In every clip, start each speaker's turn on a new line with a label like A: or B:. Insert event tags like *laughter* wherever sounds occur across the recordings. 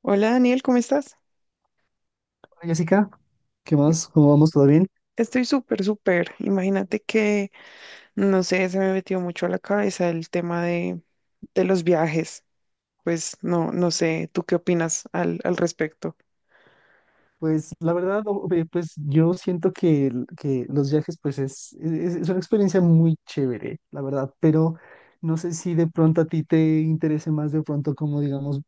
A: Hola Daniel, ¿cómo estás?
B: Hola, Jessica, ¿qué más? ¿Cómo vamos? ¿Todo bien?
A: Estoy súper, súper. Imagínate que, no sé, se me metió mucho a la cabeza el tema de los viajes. Pues no, no sé, ¿tú qué opinas al respecto?
B: Pues la verdad, ve, pues yo siento que, que los viajes pues es, una experiencia muy chévere, la verdad, pero no sé si de pronto a ti te interese más de pronto como digamos,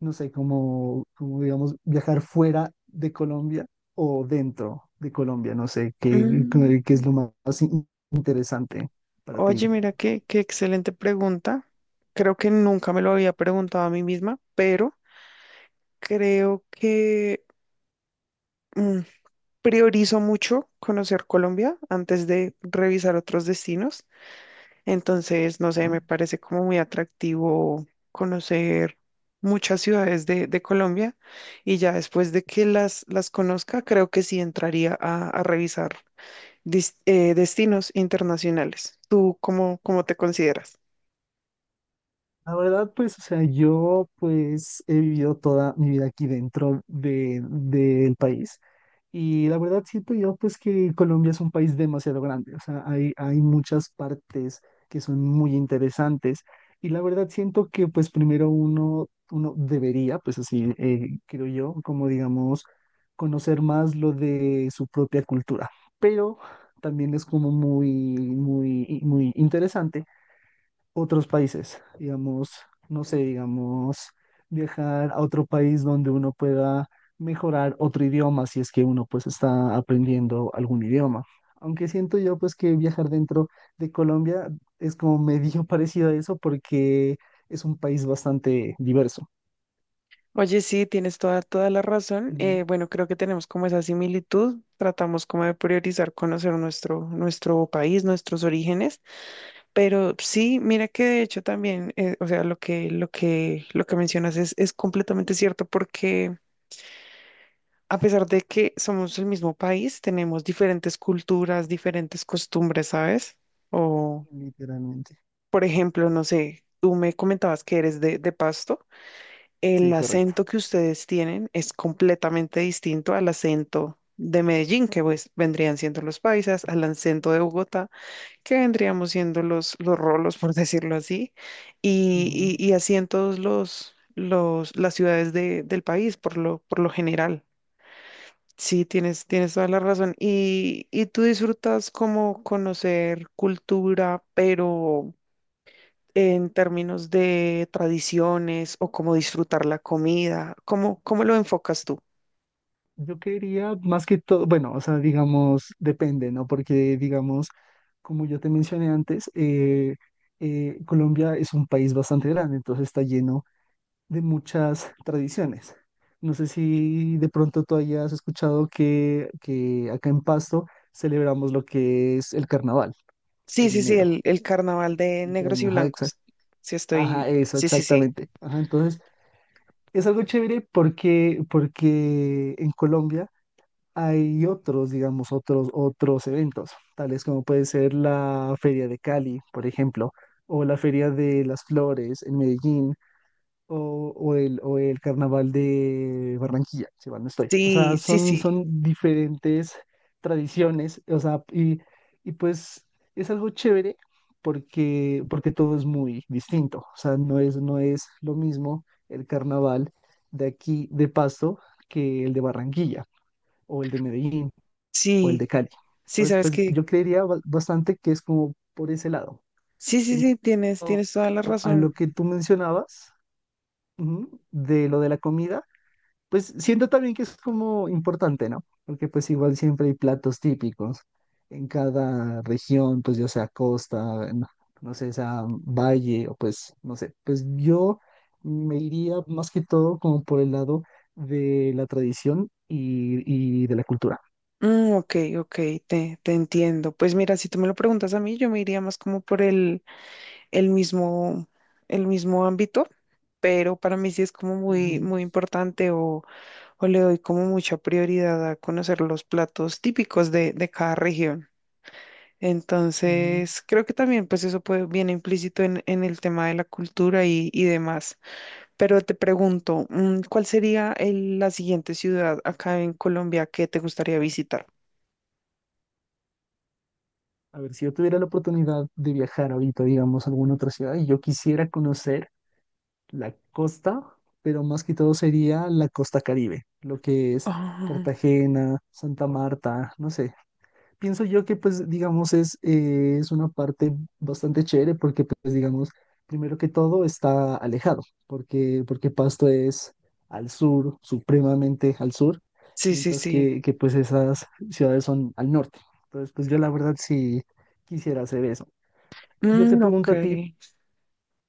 B: no sé, como digamos viajar fuera de Colombia o dentro de Colombia, no sé, qué
A: Mm,
B: es lo más interesante para
A: Oye,
B: ti.
A: mira qué excelente pregunta. Creo que nunca me lo había preguntado a mí misma, pero creo que mm, priorizo mucho conocer Colombia antes de revisar otros destinos. Entonces, no sé, me
B: ¿No?
A: parece como muy atractivo conocer muchas ciudades de Colombia y ya después de que las conozca, creo que sí entraría a revisar destinos internacionales. ¿Tú cómo te consideras?
B: La verdad, pues, o sea, yo pues he vivido toda mi vida aquí dentro del país. Y la verdad siento yo pues que Colombia es un país demasiado grande, o sea, hay muchas partes que son muy interesantes y la verdad siento que pues primero uno debería, pues así creo yo, como digamos, conocer más lo de su propia cultura, pero también es como muy, muy, muy interesante otros países, digamos, no sé, digamos, viajar a otro país donde uno pueda mejorar otro idioma si es que uno pues está aprendiendo algún idioma. Aunque siento yo pues que viajar dentro de Colombia es como medio *laughs* parecido a eso porque es un país bastante diverso.
A: Oye, sí, tienes toda la razón.
B: Mm.
A: Bueno, creo que tenemos como esa similitud. Tratamos como de priorizar conocer nuestro país, nuestros orígenes. Pero sí, mira que de hecho también, o sea, lo que mencionas es completamente cierto, porque a pesar de que somos el mismo país, tenemos diferentes culturas, diferentes costumbres, ¿sabes? O,
B: Literalmente.
A: por ejemplo, no sé, tú me comentabas que eres de Pasto. El
B: Sí, correcto.
A: acento que ustedes tienen es completamente distinto al acento de Medellín, que pues vendrían siendo los paisas, al acento de Bogotá, que vendríamos siendo los rolos, *laughs* por decirlo así,
B: Ujú.
A: y así en todos las ciudades del país, por lo general. Sí, tienes toda la razón. Y tú disfrutas como conocer cultura, pero en términos de tradiciones o cómo disfrutar la comida? ¿Cómo lo enfocas tú?
B: Yo quería más que todo, bueno, o sea, digamos, depende, ¿no? Porque, digamos, como yo te mencioné antes, Colombia es un país bastante grande, entonces está lleno de muchas tradiciones. No sé si de pronto tú hayas escuchado que acá en Pasto celebramos lo que es el carnaval
A: Sí,
B: en
A: sí, sí,
B: enero.
A: el carnaval de negros y
B: Cumpleaños, ajá,
A: blancos. Sí,
B: ajá,
A: estoy.
B: eso,
A: Sí, sí, sí.
B: exactamente. Ajá, entonces, es algo chévere porque en Colombia hay otros, digamos, otros eventos, tales como puede ser la Feria de Cali, por ejemplo, o la Feria de las Flores en Medellín, o el Carnaval de Barranquilla, si mal no estoy. O sea,
A: Sí, sí, sí.
B: son diferentes tradiciones, o sea, y pues es algo chévere porque todo es muy distinto, o sea, no es lo mismo el carnaval de aquí, de Pasto, que el de Barranquilla o el de Medellín o el
A: Sí,
B: de Cali.
A: sí,
B: Entonces,
A: sabes
B: pues
A: que.
B: yo creería bastante que es como por ese lado.
A: Sí, sí,
B: En cuanto
A: sí, tienes toda la
B: a
A: razón.
B: lo que tú mencionabas, ujú, de lo de la comida, pues siento también que es como importante, ¿no? Porque pues igual siempre hay platos típicos en cada región, pues ya sea costa, no sé, sea valle o pues, no sé, pues yo me iría más que todo como por el lado de la tradición y de la cultura.
A: Mm, ok, ok, te entiendo. Pues mira, si tú me lo preguntas a mí, yo me iría más como por el mismo, el mismo ámbito, pero para mí sí es como muy,
B: Ujú,
A: muy importante, o le doy como mucha prioridad a conocer los platos típicos de cada región.
B: ujú.
A: Entonces, creo que también pues eso puede, viene implícito en el tema de la cultura y demás. Pero te pregunto, ¿cuál sería la siguiente ciudad acá en Colombia que te gustaría visitar?
B: A ver, si yo tuviera la oportunidad de viajar ahorita, digamos, a alguna otra ciudad, y yo quisiera conocer la costa, pero más que todo sería la costa Caribe, lo que es
A: Ah,
B: Cartagena, Santa Marta, no sé, pienso yo que pues digamos es una parte bastante chévere porque pues digamos, primero que todo está alejado, porque Pasto es al sur, supremamente al sur,
A: sí, sí,
B: mientras
A: sí.
B: que pues esas ciudades son al norte. Entonces pues yo la verdad sí quisiera hacer eso. Yo te
A: Mm, ok.
B: pregunto a ti,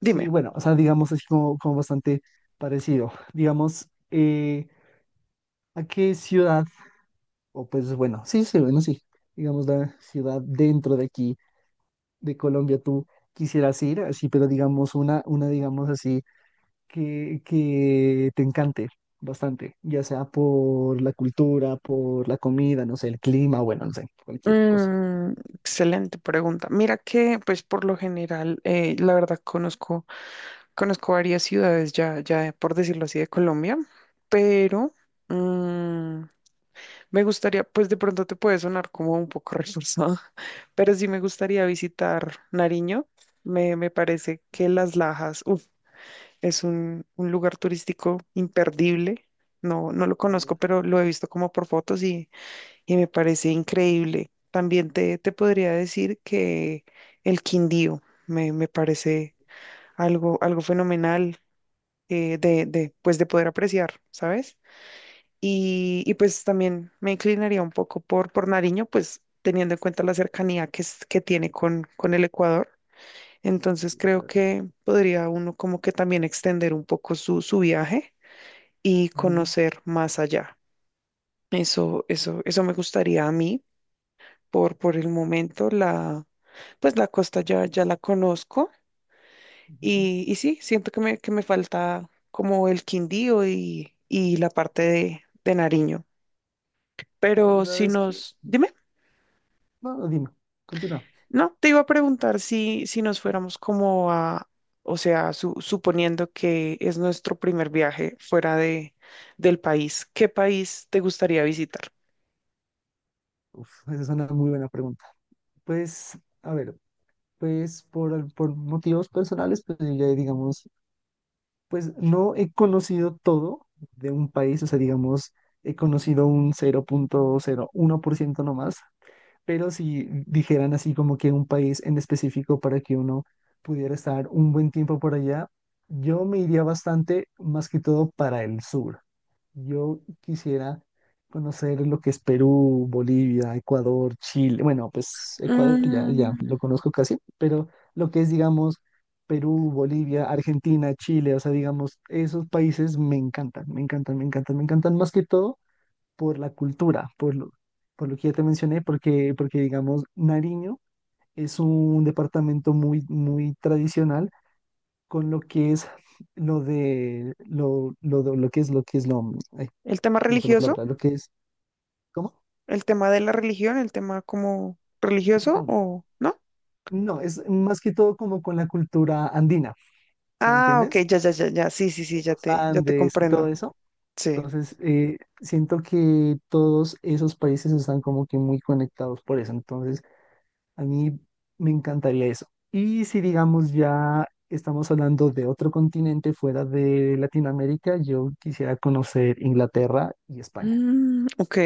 B: si bueno, o sea, digamos así como bastante parecido, digamos, ¿a qué ciudad, o pues bueno, sí, sí, bueno, sí, digamos la ciudad dentro de aquí, de Colombia tú quisieras ir, así, pero digamos una digamos así, que te encante bastante, ya sea por la cultura, por la comida, no sé, el clima, bueno, no sé, cualquier cosa.
A: Excelente pregunta. Mira que, pues, por lo general, la verdad conozco. Conozco varias ciudades ya por decirlo así, de Colombia, pero mm, me gustaría, pues de pronto te puede sonar como un poco reforzado, *laughs* pero sí me gustaría visitar Nariño. Me parece que Las Lajas, uf, es un lugar turístico imperdible. No, no lo conozco, pero lo he visto como por fotos, y me parece increíble. También te podría decir que el Quindío me parece algo fenomenal pues de poder apreciar, ¿sabes? Y pues también me inclinaría un poco por Nariño, pues teniendo en cuenta la cercanía que, que tiene con el Ecuador. Entonces creo que podría uno como que también extender un poco su viaje y
B: Ujú,
A: conocer más allá. Eso me gustaría a mí por el momento. Pues la costa ya la conozco.
B: ujú.
A: Y sí, siento que me falta como el Quindío y la parte de Nariño.
B: La
A: Pero
B: verdad es que,
A: dime.
B: no, no, dime, continúa.
A: No, te iba a preguntar si nos fuéramos como a, o sea, suponiendo que es nuestro primer viaje fuera del país, ¿qué país te gustaría visitar?
B: Uf, esa es una muy buena pregunta. Pues, a ver, pues por motivos personales, pues yo ya digamos, pues no he conocido todo de un país, o sea, digamos, he conocido un 0.01% nomás, pero si dijeran así como que un país en específico para que uno pudiera estar un buen tiempo por allá, yo me iría bastante más que todo para el sur. Yo quisiera conocer lo que es Perú, Bolivia, Ecuador, Chile. Bueno, pues Ecuador ya
A: Mm,
B: lo conozco casi, pero lo que es, digamos, Perú, Bolivia, Argentina, Chile, o sea, digamos, esos países me encantan, me encantan, me encantan, me encantan más que todo por la cultura, por lo que ya te mencioné, porque digamos, Nariño es un departamento muy, muy tradicional con lo que es lo que es lo que es lo ay,
A: ¿El tema
B: se me fue la
A: religioso?
B: palabra, lo que es. ¿Cómo?
A: ¿El tema de la religión? ¿El tema como religioso
B: No,
A: o no?
B: no, es más que todo como con la cultura andina, ¿sí me
A: Ah, ok,
B: entiendes?
A: ya, ya, ya, ya, sí, sí, sí,
B: De
A: ya
B: los
A: te, ya te
B: Andes y todo
A: comprendo.
B: eso.
A: Sí.
B: Entonces, siento que todos esos países están como que muy conectados por eso. Entonces, a mí me encantaría eso. Y si digamos ya estamos hablando de otro continente fuera de Latinoamérica, yo quisiera conocer Inglaterra y España.
A: Mm, ok,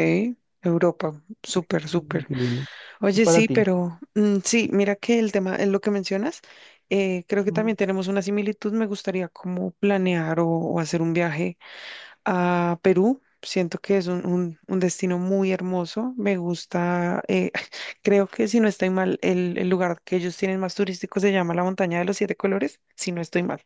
A: Europa, súper, súper.
B: Increíble. ¿Y
A: Oye,
B: para
A: sí,
B: ti?
A: pero sí, mira que el tema, es lo que mencionas, creo que
B: Ujú.
A: también tenemos una similitud. Me gustaría como planear o hacer un viaje a Perú. Siento que es un destino muy hermoso. Me gusta, *laughs* creo que si no estoy mal, el lugar que ellos tienen más turístico se llama la Montaña de los Siete Colores, si no estoy mal.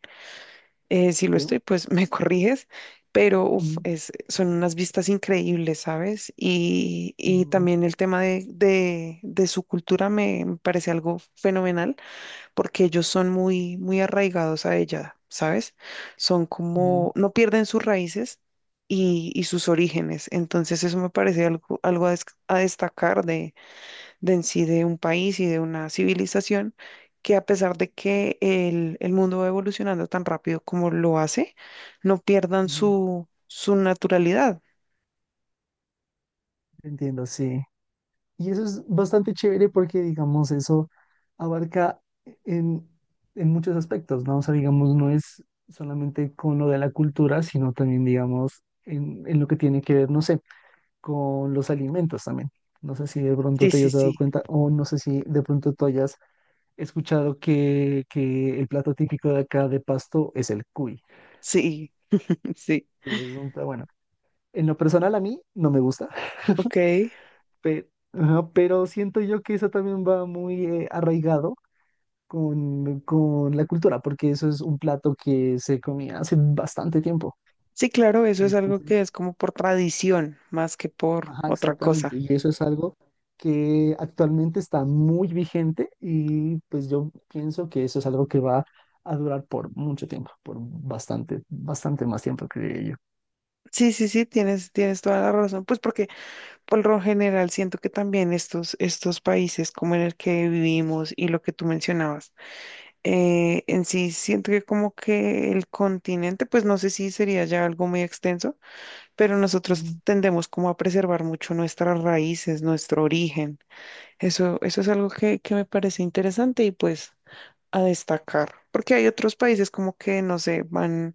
A: Si lo
B: Perú.
A: estoy, pues me *laughs* corriges, pero uf,
B: Ujú,
A: son unas vistas increíbles, ¿sabes? Y
B: ujú,
A: también el tema de su cultura me parece algo fenomenal, porque ellos son muy, muy arraigados a ella, ¿sabes? Son
B: ujú,
A: como, no pierden sus raíces y sus orígenes, entonces eso me parece algo a destacar de en sí de un país y de una civilización, que a pesar de que el mundo va evolucionando tan rápido como lo hace, no pierdan
B: ujú.
A: su naturalidad.
B: Entiendo, sí. Y eso es bastante chévere porque, digamos, eso abarca en, en muchos aspectos, ¿no? O sea, digamos, no es solamente con lo de la cultura, sino también, digamos, en lo que tiene que ver, no sé, con los alimentos también. No sé si de pronto
A: Sí,
B: te
A: sí,
B: hayas dado
A: sí,
B: cuenta o no sé si de pronto tú hayas escuchado que el plato típico de acá de Pasto es el cuy.
A: sí, *laughs* sí,
B: Y es bueno, en lo personal a mí no me gusta, *laughs*
A: ok.
B: pero siento yo que eso también va muy arraigado con la cultura, porque eso es un plato que se comía hace bastante tiempo.
A: Sí, claro, eso es algo
B: Entonces,
A: que es como por tradición más que por
B: ajá,
A: otra
B: exactamente.
A: cosa.
B: Y eso es algo que actualmente está muy vigente y pues yo pienso que eso es algo que va a durar por mucho tiempo, por bastante, bastante más tiempo, creo yo.
A: Sí, sí, sí, tienes toda la razón. Pues porque por lo general siento que también estos países como en el que vivimos, y lo que tú mencionabas, en sí siento que como que el continente, pues no sé si sería ya algo muy extenso, pero
B: Ujú.
A: nosotros tendemos como a preservar mucho nuestras raíces, nuestro origen. Eso es algo que me parece interesante y pues a destacar, porque hay otros países como que, no sé, van,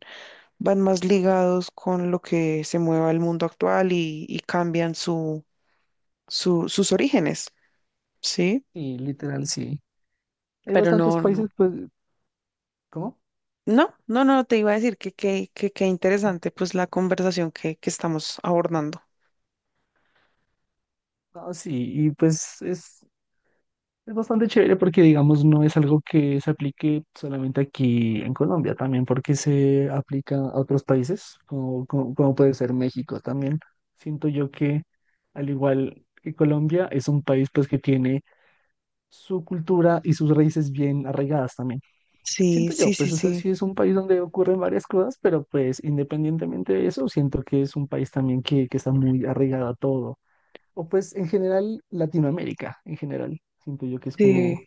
A: van más ligados con lo que se mueva el mundo actual, y cambian su, sus orígenes, ¿sí?
B: Y literal, sí. Hay
A: Pero
B: bastantes
A: no, no.
B: países, pues, ¿cómo?
A: No, no, no, te iba a decir que qué
B: Ujú.
A: interesante pues la conversación que estamos abordando.
B: Ah, sí, y pues es. Es bastante chévere porque, digamos, no es algo que se aplique solamente aquí en Colombia, también porque se aplica a otros países, como puede ser México también. Siento yo que, al igual que Colombia, es un país pues que tiene su cultura y sus raíces bien arraigadas también.
A: Sí,
B: Siento
A: sí,
B: yo,
A: sí,
B: pues, o sea, sí
A: sí,
B: es un país donde ocurren varias cosas, pero pues independientemente de eso, siento que es un país también que está muy arraigado a todo. O pues en general Latinoamérica, en general, siento yo que es como
A: sí.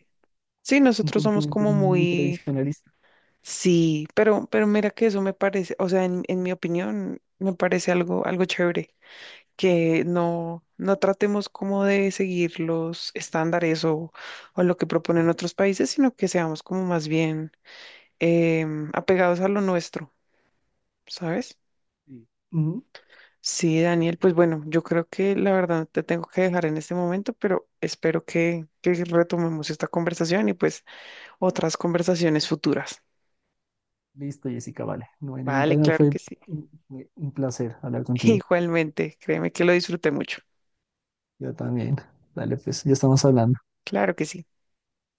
A: Sí,
B: un
A: nosotros somos
B: continente
A: como
B: muy
A: muy,
B: tradicionalista.
A: sí, pero mira que eso me parece, o sea, en mi opinión, me parece algo chévere, que no, no tratemos como de seguir los estándares, o lo que proponen otros países, sino que seamos como más bien, apegados a lo nuestro, ¿sabes?
B: Sí. Ujú.
A: Sí, Daniel, pues bueno, yo creo que la verdad te tengo que dejar en este momento, pero espero que retomemos esta conversación y pues otras conversaciones futuras.
B: Listo, Jessica, vale. No hay ningún
A: Vale,
B: problema.
A: claro
B: Fue,
A: que sí.
B: fue un placer hablar
A: *laughs*
B: contigo.
A: Igualmente, créeme que lo disfruté mucho.
B: Yo también. Dale, pues, ya estamos hablando.
A: Claro que sí.